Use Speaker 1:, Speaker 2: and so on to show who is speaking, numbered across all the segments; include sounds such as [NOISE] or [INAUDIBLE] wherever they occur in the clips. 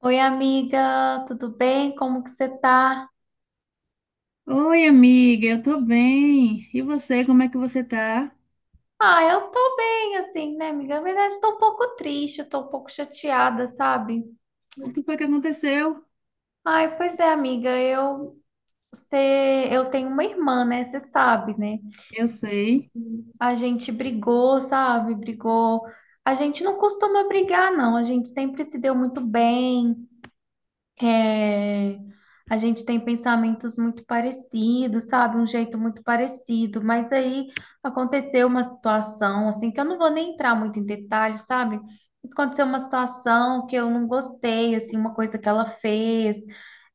Speaker 1: Oi, amiga, tudo bem? Como que você tá?
Speaker 2: Oi, amiga, eu tô bem. E você, como é que você tá?
Speaker 1: Ah, eu tô bem, assim, né, amiga? Na verdade, tô um pouco triste, eu tô um pouco chateada, sabe?
Speaker 2: O que foi que aconteceu?
Speaker 1: Ai, pois é, amiga, você, eu tenho uma irmã, né? Você sabe, né?
Speaker 2: Eu sei.
Speaker 1: A gente brigou, sabe? Brigou. A gente não costuma brigar, não. A gente sempre se deu muito bem. É, a gente tem pensamentos muito parecidos, sabe? Um jeito muito parecido, mas aí aconteceu uma situação, assim, que eu não vou nem entrar muito em detalhes, sabe? Mas aconteceu uma situação que eu não gostei, assim, uma coisa que ela fez,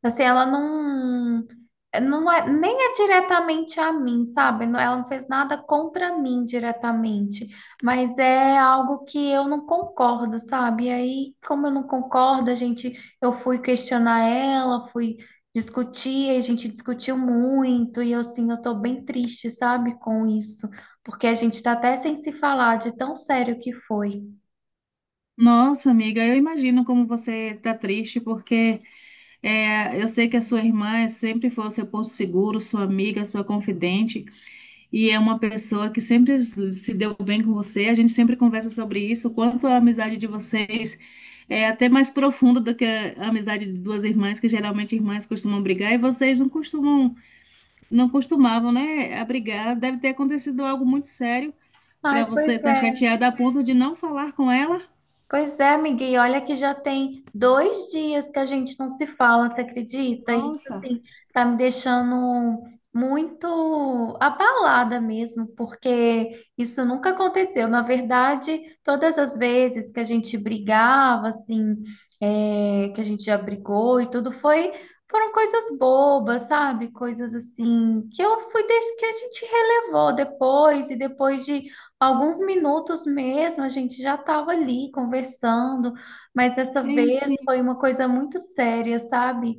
Speaker 1: assim, ela não, eh, não é, nem é diretamente a mim, sabe? Ela não fez nada contra mim diretamente, mas é algo que eu não concordo, sabe? E aí, como eu não concordo, a gente eu fui questionar ela, fui discutir, a gente discutiu muito, e assim, eu tô bem triste, sabe, com isso, porque a gente tá até sem se falar de tão sério que foi.
Speaker 2: Nossa, amiga, eu imagino como você tá triste, porque eu sei que a sua irmã sempre foi o seu porto seguro, sua amiga, sua confidente, e é uma pessoa que sempre se deu bem com você. A gente sempre conversa sobre isso, o quanto a amizade de vocês é até mais profunda do que a amizade de duas irmãs, que geralmente irmãs costumam brigar, e vocês não costumam. Não costumavam, né, abrigar. Deve ter acontecido algo muito sério
Speaker 1: Ai,
Speaker 2: para você
Speaker 1: pois
Speaker 2: estar
Speaker 1: é.
Speaker 2: chateada a ponto de não falar com ela.
Speaker 1: Pois é, amiga, e olha que já tem 2 dias que a gente não se fala, você acredita? Isso,
Speaker 2: Nossa,
Speaker 1: assim, tá me deixando muito abalada mesmo, porque isso nunca aconteceu. Na verdade, todas as vezes que a gente brigava, assim, que a gente já brigou e tudo, foram coisas bobas, sabe? Coisas assim, que eu fui, des- que a gente relevou depois, e depois de alguns minutos mesmo, a gente já estava ali conversando, mas dessa
Speaker 2: é
Speaker 1: vez
Speaker 2: sim.
Speaker 1: foi uma coisa muito séria, sabe?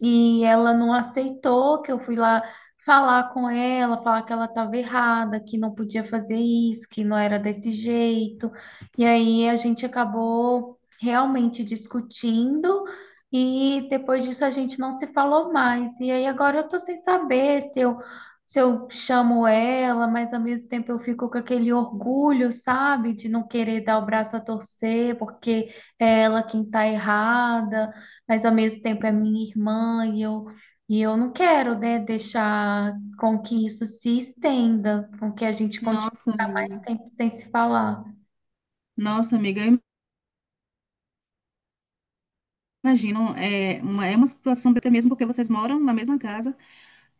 Speaker 1: E ela não aceitou que eu fui lá falar com ela, falar que ela estava errada, que não podia fazer isso, que não era desse jeito. E aí a gente acabou realmente discutindo. E depois disso a gente não se falou mais. E aí agora eu tô sem saber se eu chamo ela, mas ao mesmo tempo eu fico com aquele orgulho, sabe, de não querer dar o braço a torcer, porque é ela quem tá errada, mas ao mesmo tempo é minha irmã e eu não quero, né, deixar com que isso se estenda, com que a gente continue
Speaker 2: Nossa,
Speaker 1: a ficar mais
Speaker 2: amiga.
Speaker 1: tempo sem se falar.
Speaker 2: Nossa, amiga, eu imagino. É uma situação até mesmo porque vocês moram na mesma casa,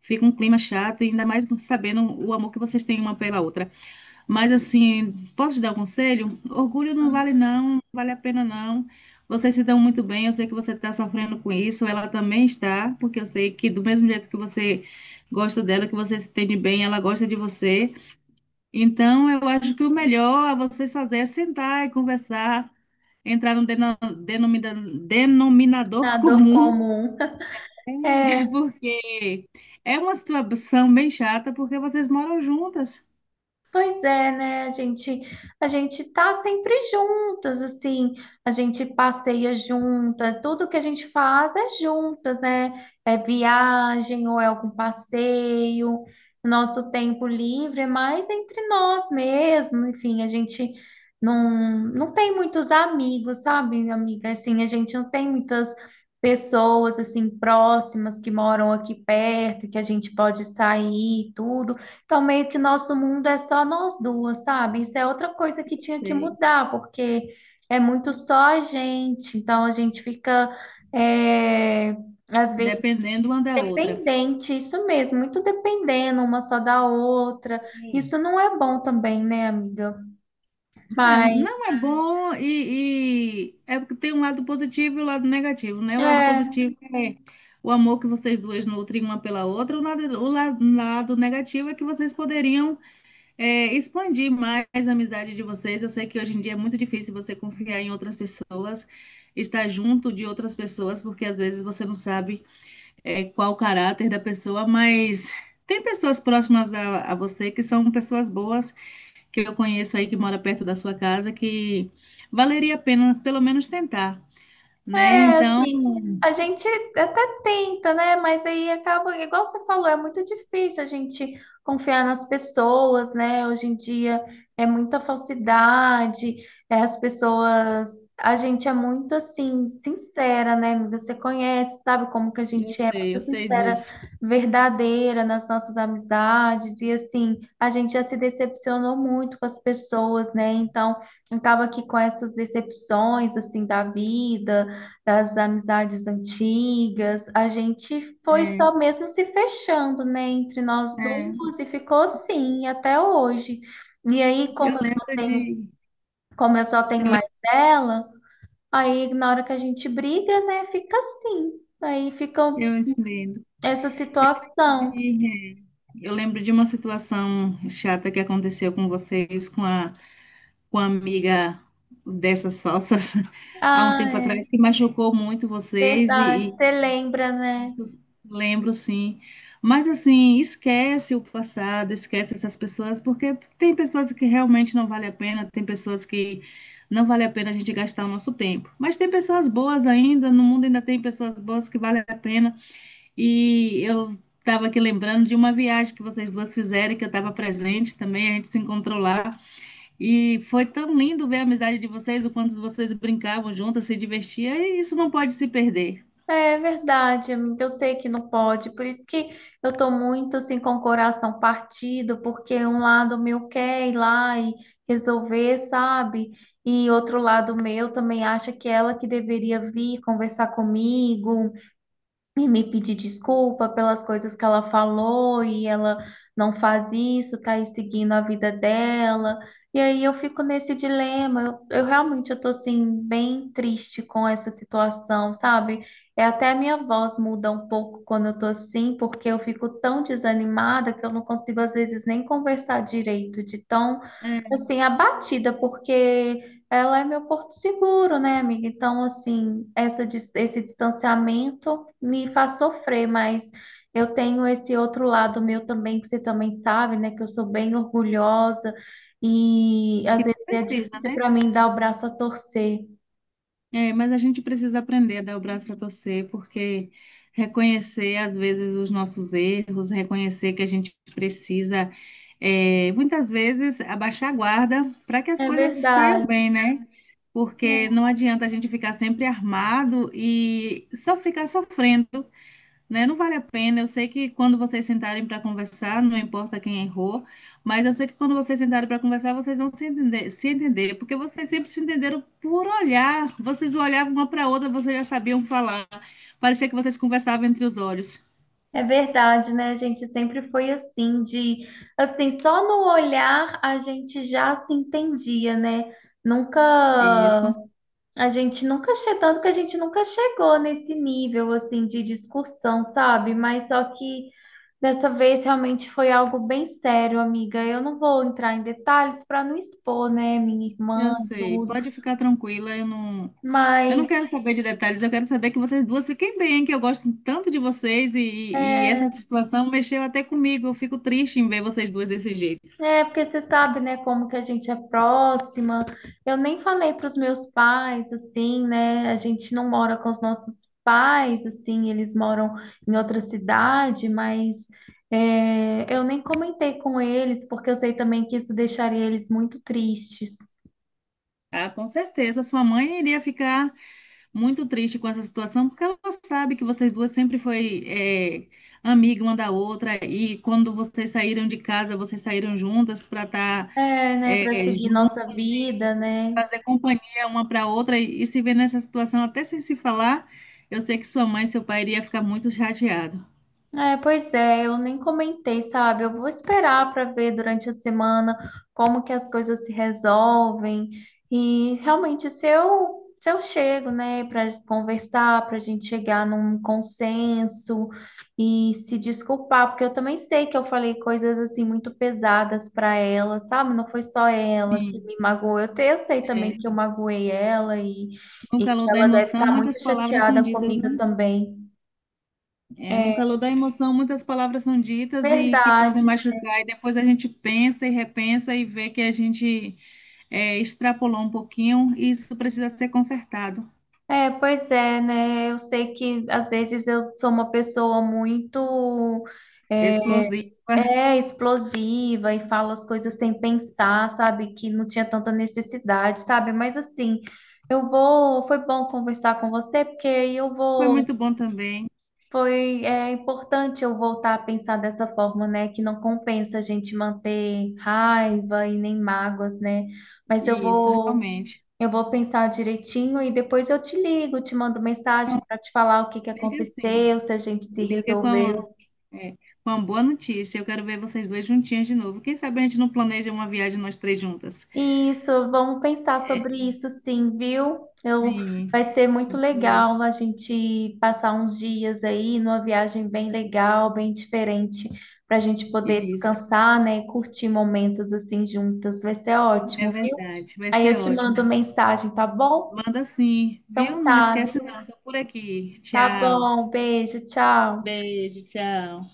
Speaker 2: fica um clima chato, e ainda mais sabendo o amor que vocês têm uma pela outra. Mas assim, posso te dar um conselho? Orgulho não vale
Speaker 1: Ah,
Speaker 2: não, não vale a pena não. Vocês se dão muito bem, eu sei que você está sofrendo com isso, ela também está, porque eu sei que do mesmo jeito que você gosta dela, que você se entende bem, ela gosta de você. Então, eu acho que o melhor a vocês fazer é sentar e conversar, entrar num denomina-
Speaker 1: a
Speaker 2: denominador
Speaker 1: dor
Speaker 2: comum,
Speaker 1: comum. É,
Speaker 2: [LAUGHS] porque é uma situação bem chata, porque vocês moram juntas.
Speaker 1: pois é, né? A gente tá sempre juntas, assim, a gente passeia juntas, tudo que a gente faz é juntas, né? É viagem ou é algum passeio, nosso tempo livre é mais entre nós mesmo, enfim, a gente não, não tem muitos amigos, sabe, amiga? Assim, a gente não tem muitas pessoas, assim, próximas que moram aqui perto, que a gente pode sair e tudo. Então, meio que nosso mundo é só nós duas, sabe? Isso é outra coisa que tinha que
Speaker 2: Sei.
Speaker 1: mudar, porque é muito só a gente. Então, a gente fica, é, às vezes,
Speaker 2: Dependendo uma da outra.
Speaker 1: dependente, isso mesmo, muito dependendo uma só da outra. Isso não é bom também, né, amiga?
Speaker 2: É,
Speaker 1: Mas,
Speaker 2: não é bom e é porque tem um lado positivo e o lado negativo, né? O lado
Speaker 1: é.
Speaker 2: positivo é o amor que vocês duas nutrem uma pela outra, o lado, lado negativo é que vocês poderiam expandir mais a amizade de vocês. Eu sei que hoje em dia é muito difícil você confiar em outras pessoas, estar junto de outras pessoas, porque às vezes você não sabe qual o caráter da pessoa, mas tem pessoas próximas a você que são pessoas boas que eu conheço aí que mora perto da sua casa que valeria a pena pelo menos tentar, né?
Speaker 1: É, então,
Speaker 2: Então,
Speaker 1: assim, a gente até tenta, né? Mas aí acaba, igual você falou, é muito difícil a gente confiar nas pessoas, né? Hoje em dia é muita falsidade, é, as pessoas, a gente é muito assim, sincera, né? Você conhece, sabe como que a gente é
Speaker 2: eu
Speaker 1: muito
Speaker 2: sei
Speaker 1: sincera,
Speaker 2: disso.
Speaker 1: verdadeira nas nossas amizades, e assim, a gente já se decepcionou muito com as pessoas, né? Então, acaba que com essas decepções, assim, da vida das amizades antigas, a gente foi
Speaker 2: É,
Speaker 1: só mesmo se fechando, né, entre nós
Speaker 2: é,
Speaker 1: duas e ficou assim até hoje. E aí,
Speaker 2: eu lembro de
Speaker 1: como eu só tenho
Speaker 2: eu,
Speaker 1: mais
Speaker 2: lembro,
Speaker 1: ela, aí na hora que a gente briga, né, fica assim. Aí fica
Speaker 2: eu entendo
Speaker 1: essa situação.
Speaker 2: de é, eu lembro de uma situação chata que aconteceu com vocês com a amiga dessas falsas [LAUGHS] há um
Speaker 1: Ah,
Speaker 2: tempo
Speaker 1: é
Speaker 2: atrás que machucou muito vocês.
Speaker 1: verdade, você lembra, né?
Speaker 2: Lembro, sim. Mas assim, esquece o passado, esquece essas pessoas, porque tem pessoas que realmente não vale a pena, tem pessoas que não vale a pena a gente gastar o nosso tempo. Mas tem pessoas boas ainda, no mundo ainda tem pessoas boas que vale a pena. E eu estava aqui lembrando de uma viagem que vocês duas fizeram, que eu estava presente também, a gente se encontrou lá. E foi tão lindo ver a amizade de vocês, o quanto vocês brincavam juntas, se divertiam, e isso não pode se perder.
Speaker 1: É verdade, amiga. Eu sei que não pode, por isso que eu tô muito assim com o coração partido, porque um lado meu quer ir lá e resolver, sabe? E outro lado meu também acha que ela que deveria vir conversar comigo, e me pedir desculpa pelas coisas que ela falou e ela não faz isso, tá aí seguindo a vida dela. E aí eu fico nesse dilema. Eu realmente eu tô assim bem triste com essa situação, sabe? É até a minha voz muda um pouco quando eu tô assim, porque eu fico tão desanimada que eu não consigo às vezes nem conversar direito, de tão
Speaker 2: É,
Speaker 1: assim abatida, porque ela é meu porto seguro, né, amiga? Então, assim, esse distanciamento me faz sofrer, mas eu tenho esse outro lado meu também, que você também sabe, né, que eu sou bem orgulhosa e às
Speaker 2: que não
Speaker 1: vezes é
Speaker 2: precisa,
Speaker 1: difícil
Speaker 2: né?
Speaker 1: para mim dar o braço a torcer.
Speaker 2: É, mas a gente precisa aprender a dar o braço a torcer, porque reconhecer às vezes os nossos erros, reconhecer que a gente precisa, muitas vezes, abaixar a guarda para que as
Speaker 1: É
Speaker 2: coisas saiam
Speaker 1: verdade.
Speaker 2: bem, né? Porque não adianta a gente ficar sempre armado e só ficar sofrendo, né? Não vale a pena. Eu sei que quando vocês sentarem para conversar, não importa quem errou, mas eu sei que quando vocês sentarem para conversar, vocês vão se entender, se entender, porque vocês sempre se entenderam por olhar. Vocês olhavam uma para outra, vocês já sabiam falar. Parecia que vocês conversavam entre os olhos.
Speaker 1: É verdade, né? Gente sempre foi assim, de assim, só no olhar a gente já se entendia, né? Nunca
Speaker 2: É isso,
Speaker 1: A gente nunca chegou, tanto que a gente nunca chegou nesse nível assim de discussão, sabe? Mas só que dessa vez realmente foi algo bem sério, amiga. Eu não vou entrar em detalhes para não expor, né, minha
Speaker 2: eu
Speaker 1: irmã, e
Speaker 2: sei.
Speaker 1: tudo,
Speaker 2: Pode ficar tranquila, eu não. Eu não
Speaker 1: mas
Speaker 2: quero saber de detalhes, eu quero saber que vocês duas fiquem bem, que eu gosto tanto de vocês e essa
Speaker 1: é.
Speaker 2: situação mexeu até comigo. Eu fico triste em ver vocês duas desse jeito.
Speaker 1: É, porque você sabe, né, como que a gente é próxima. Eu nem falei para os meus pais, assim, né? A gente não mora com os nossos pais, assim, eles moram em outra cidade, mas eu nem comentei com eles, porque eu sei também que isso deixaria eles muito tristes.
Speaker 2: Ah, com certeza. Sua mãe iria ficar muito triste com essa situação, porque ela sabe que vocês duas sempre foi amiga uma da outra, e quando vocês saíram de casa, vocês saíram juntas para estar
Speaker 1: É, né, para seguir nossa vida, né?
Speaker 2: fazer companhia uma para outra e se ver nessa situação, até sem se falar, eu sei que sua mãe e seu pai iria ficar muito chateado.
Speaker 1: É, pois é, eu nem comentei, sabe? Eu vou esperar para ver durante a semana como que as coisas se resolvem. E realmente, se eu chego, né, para conversar, para a gente chegar num consenso e se desculpar, porque eu também sei que eu falei coisas assim muito pesadas para ela, sabe? Não foi só ela que
Speaker 2: Sim,
Speaker 1: me magoou. Eu sei também
Speaker 2: é,
Speaker 1: que eu magoei ela e,
Speaker 2: no
Speaker 1: e
Speaker 2: calor
Speaker 1: que
Speaker 2: da
Speaker 1: ela deve
Speaker 2: emoção,
Speaker 1: estar muito
Speaker 2: muitas palavras
Speaker 1: chateada
Speaker 2: são ditas,
Speaker 1: comigo
Speaker 2: né?
Speaker 1: também.
Speaker 2: É, no
Speaker 1: É
Speaker 2: calor da emoção, muitas palavras são ditas e que podem
Speaker 1: verdade.
Speaker 2: machucar, e depois a gente pensa e repensa e vê que a gente extrapolou um pouquinho e isso precisa ser consertado.
Speaker 1: É, pois é, né? Eu sei que às vezes eu sou uma pessoa muito é,
Speaker 2: Explosiva,
Speaker 1: explosiva e falo as coisas sem pensar, sabe? Que não tinha tanta necessidade, sabe? Mas assim, eu vou. Foi bom conversar com você, porque aí eu
Speaker 2: foi
Speaker 1: vou.
Speaker 2: muito bom também,
Speaker 1: Foi importante eu voltar a pensar dessa forma, né? Que não compensa a gente manter raiva e nem mágoas, né? Mas eu
Speaker 2: isso,
Speaker 1: vou.
Speaker 2: realmente.
Speaker 1: Eu vou pensar direitinho e depois eu te ligo, te mando mensagem para te falar o que que
Speaker 2: Liga sim.
Speaker 1: aconteceu, se a gente se
Speaker 2: Liga com
Speaker 1: resolveu.
Speaker 2: uma, com uma boa notícia. Eu quero ver vocês dois juntinhas de novo. Quem sabe a gente não planeja uma viagem nós três juntas.
Speaker 1: Isso, vamos pensar sobre isso sim, viu?
Speaker 2: Sim,
Speaker 1: Vai ser muito
Speaker 2: viu?
Speaker 1: legal a gente passar uns dias aí numa viagem bem legal, bem diferente, para a gente poder
Speaker 2: Isso,
Speaker 1: descansar, né, e curtir momentos assim juntas. Vai ser
Speaker 2: é
Speaker 1: ótimo, viu?
Speaker 2: verdade. Vai
Speaker 1: Aí eu
Speaker 2: ser
Speaker 1: te
Speaker 2: ótimo.
Speaker 1: mando mensagem, tá bom?
Speaker 2: Manda sim, viu?
Speaker 1: Então
Speaker 2: Não me
Speaker 1: tá,
Speaker 2: esquece
Speaker 1: viu?
Speaker 2: não. Tô por aqui.
Speaker 1: Tá
Speaker 2: Tchau.
Speaker 1: bom, beijo, tchau.
Speaker 2: Beijo, tchau.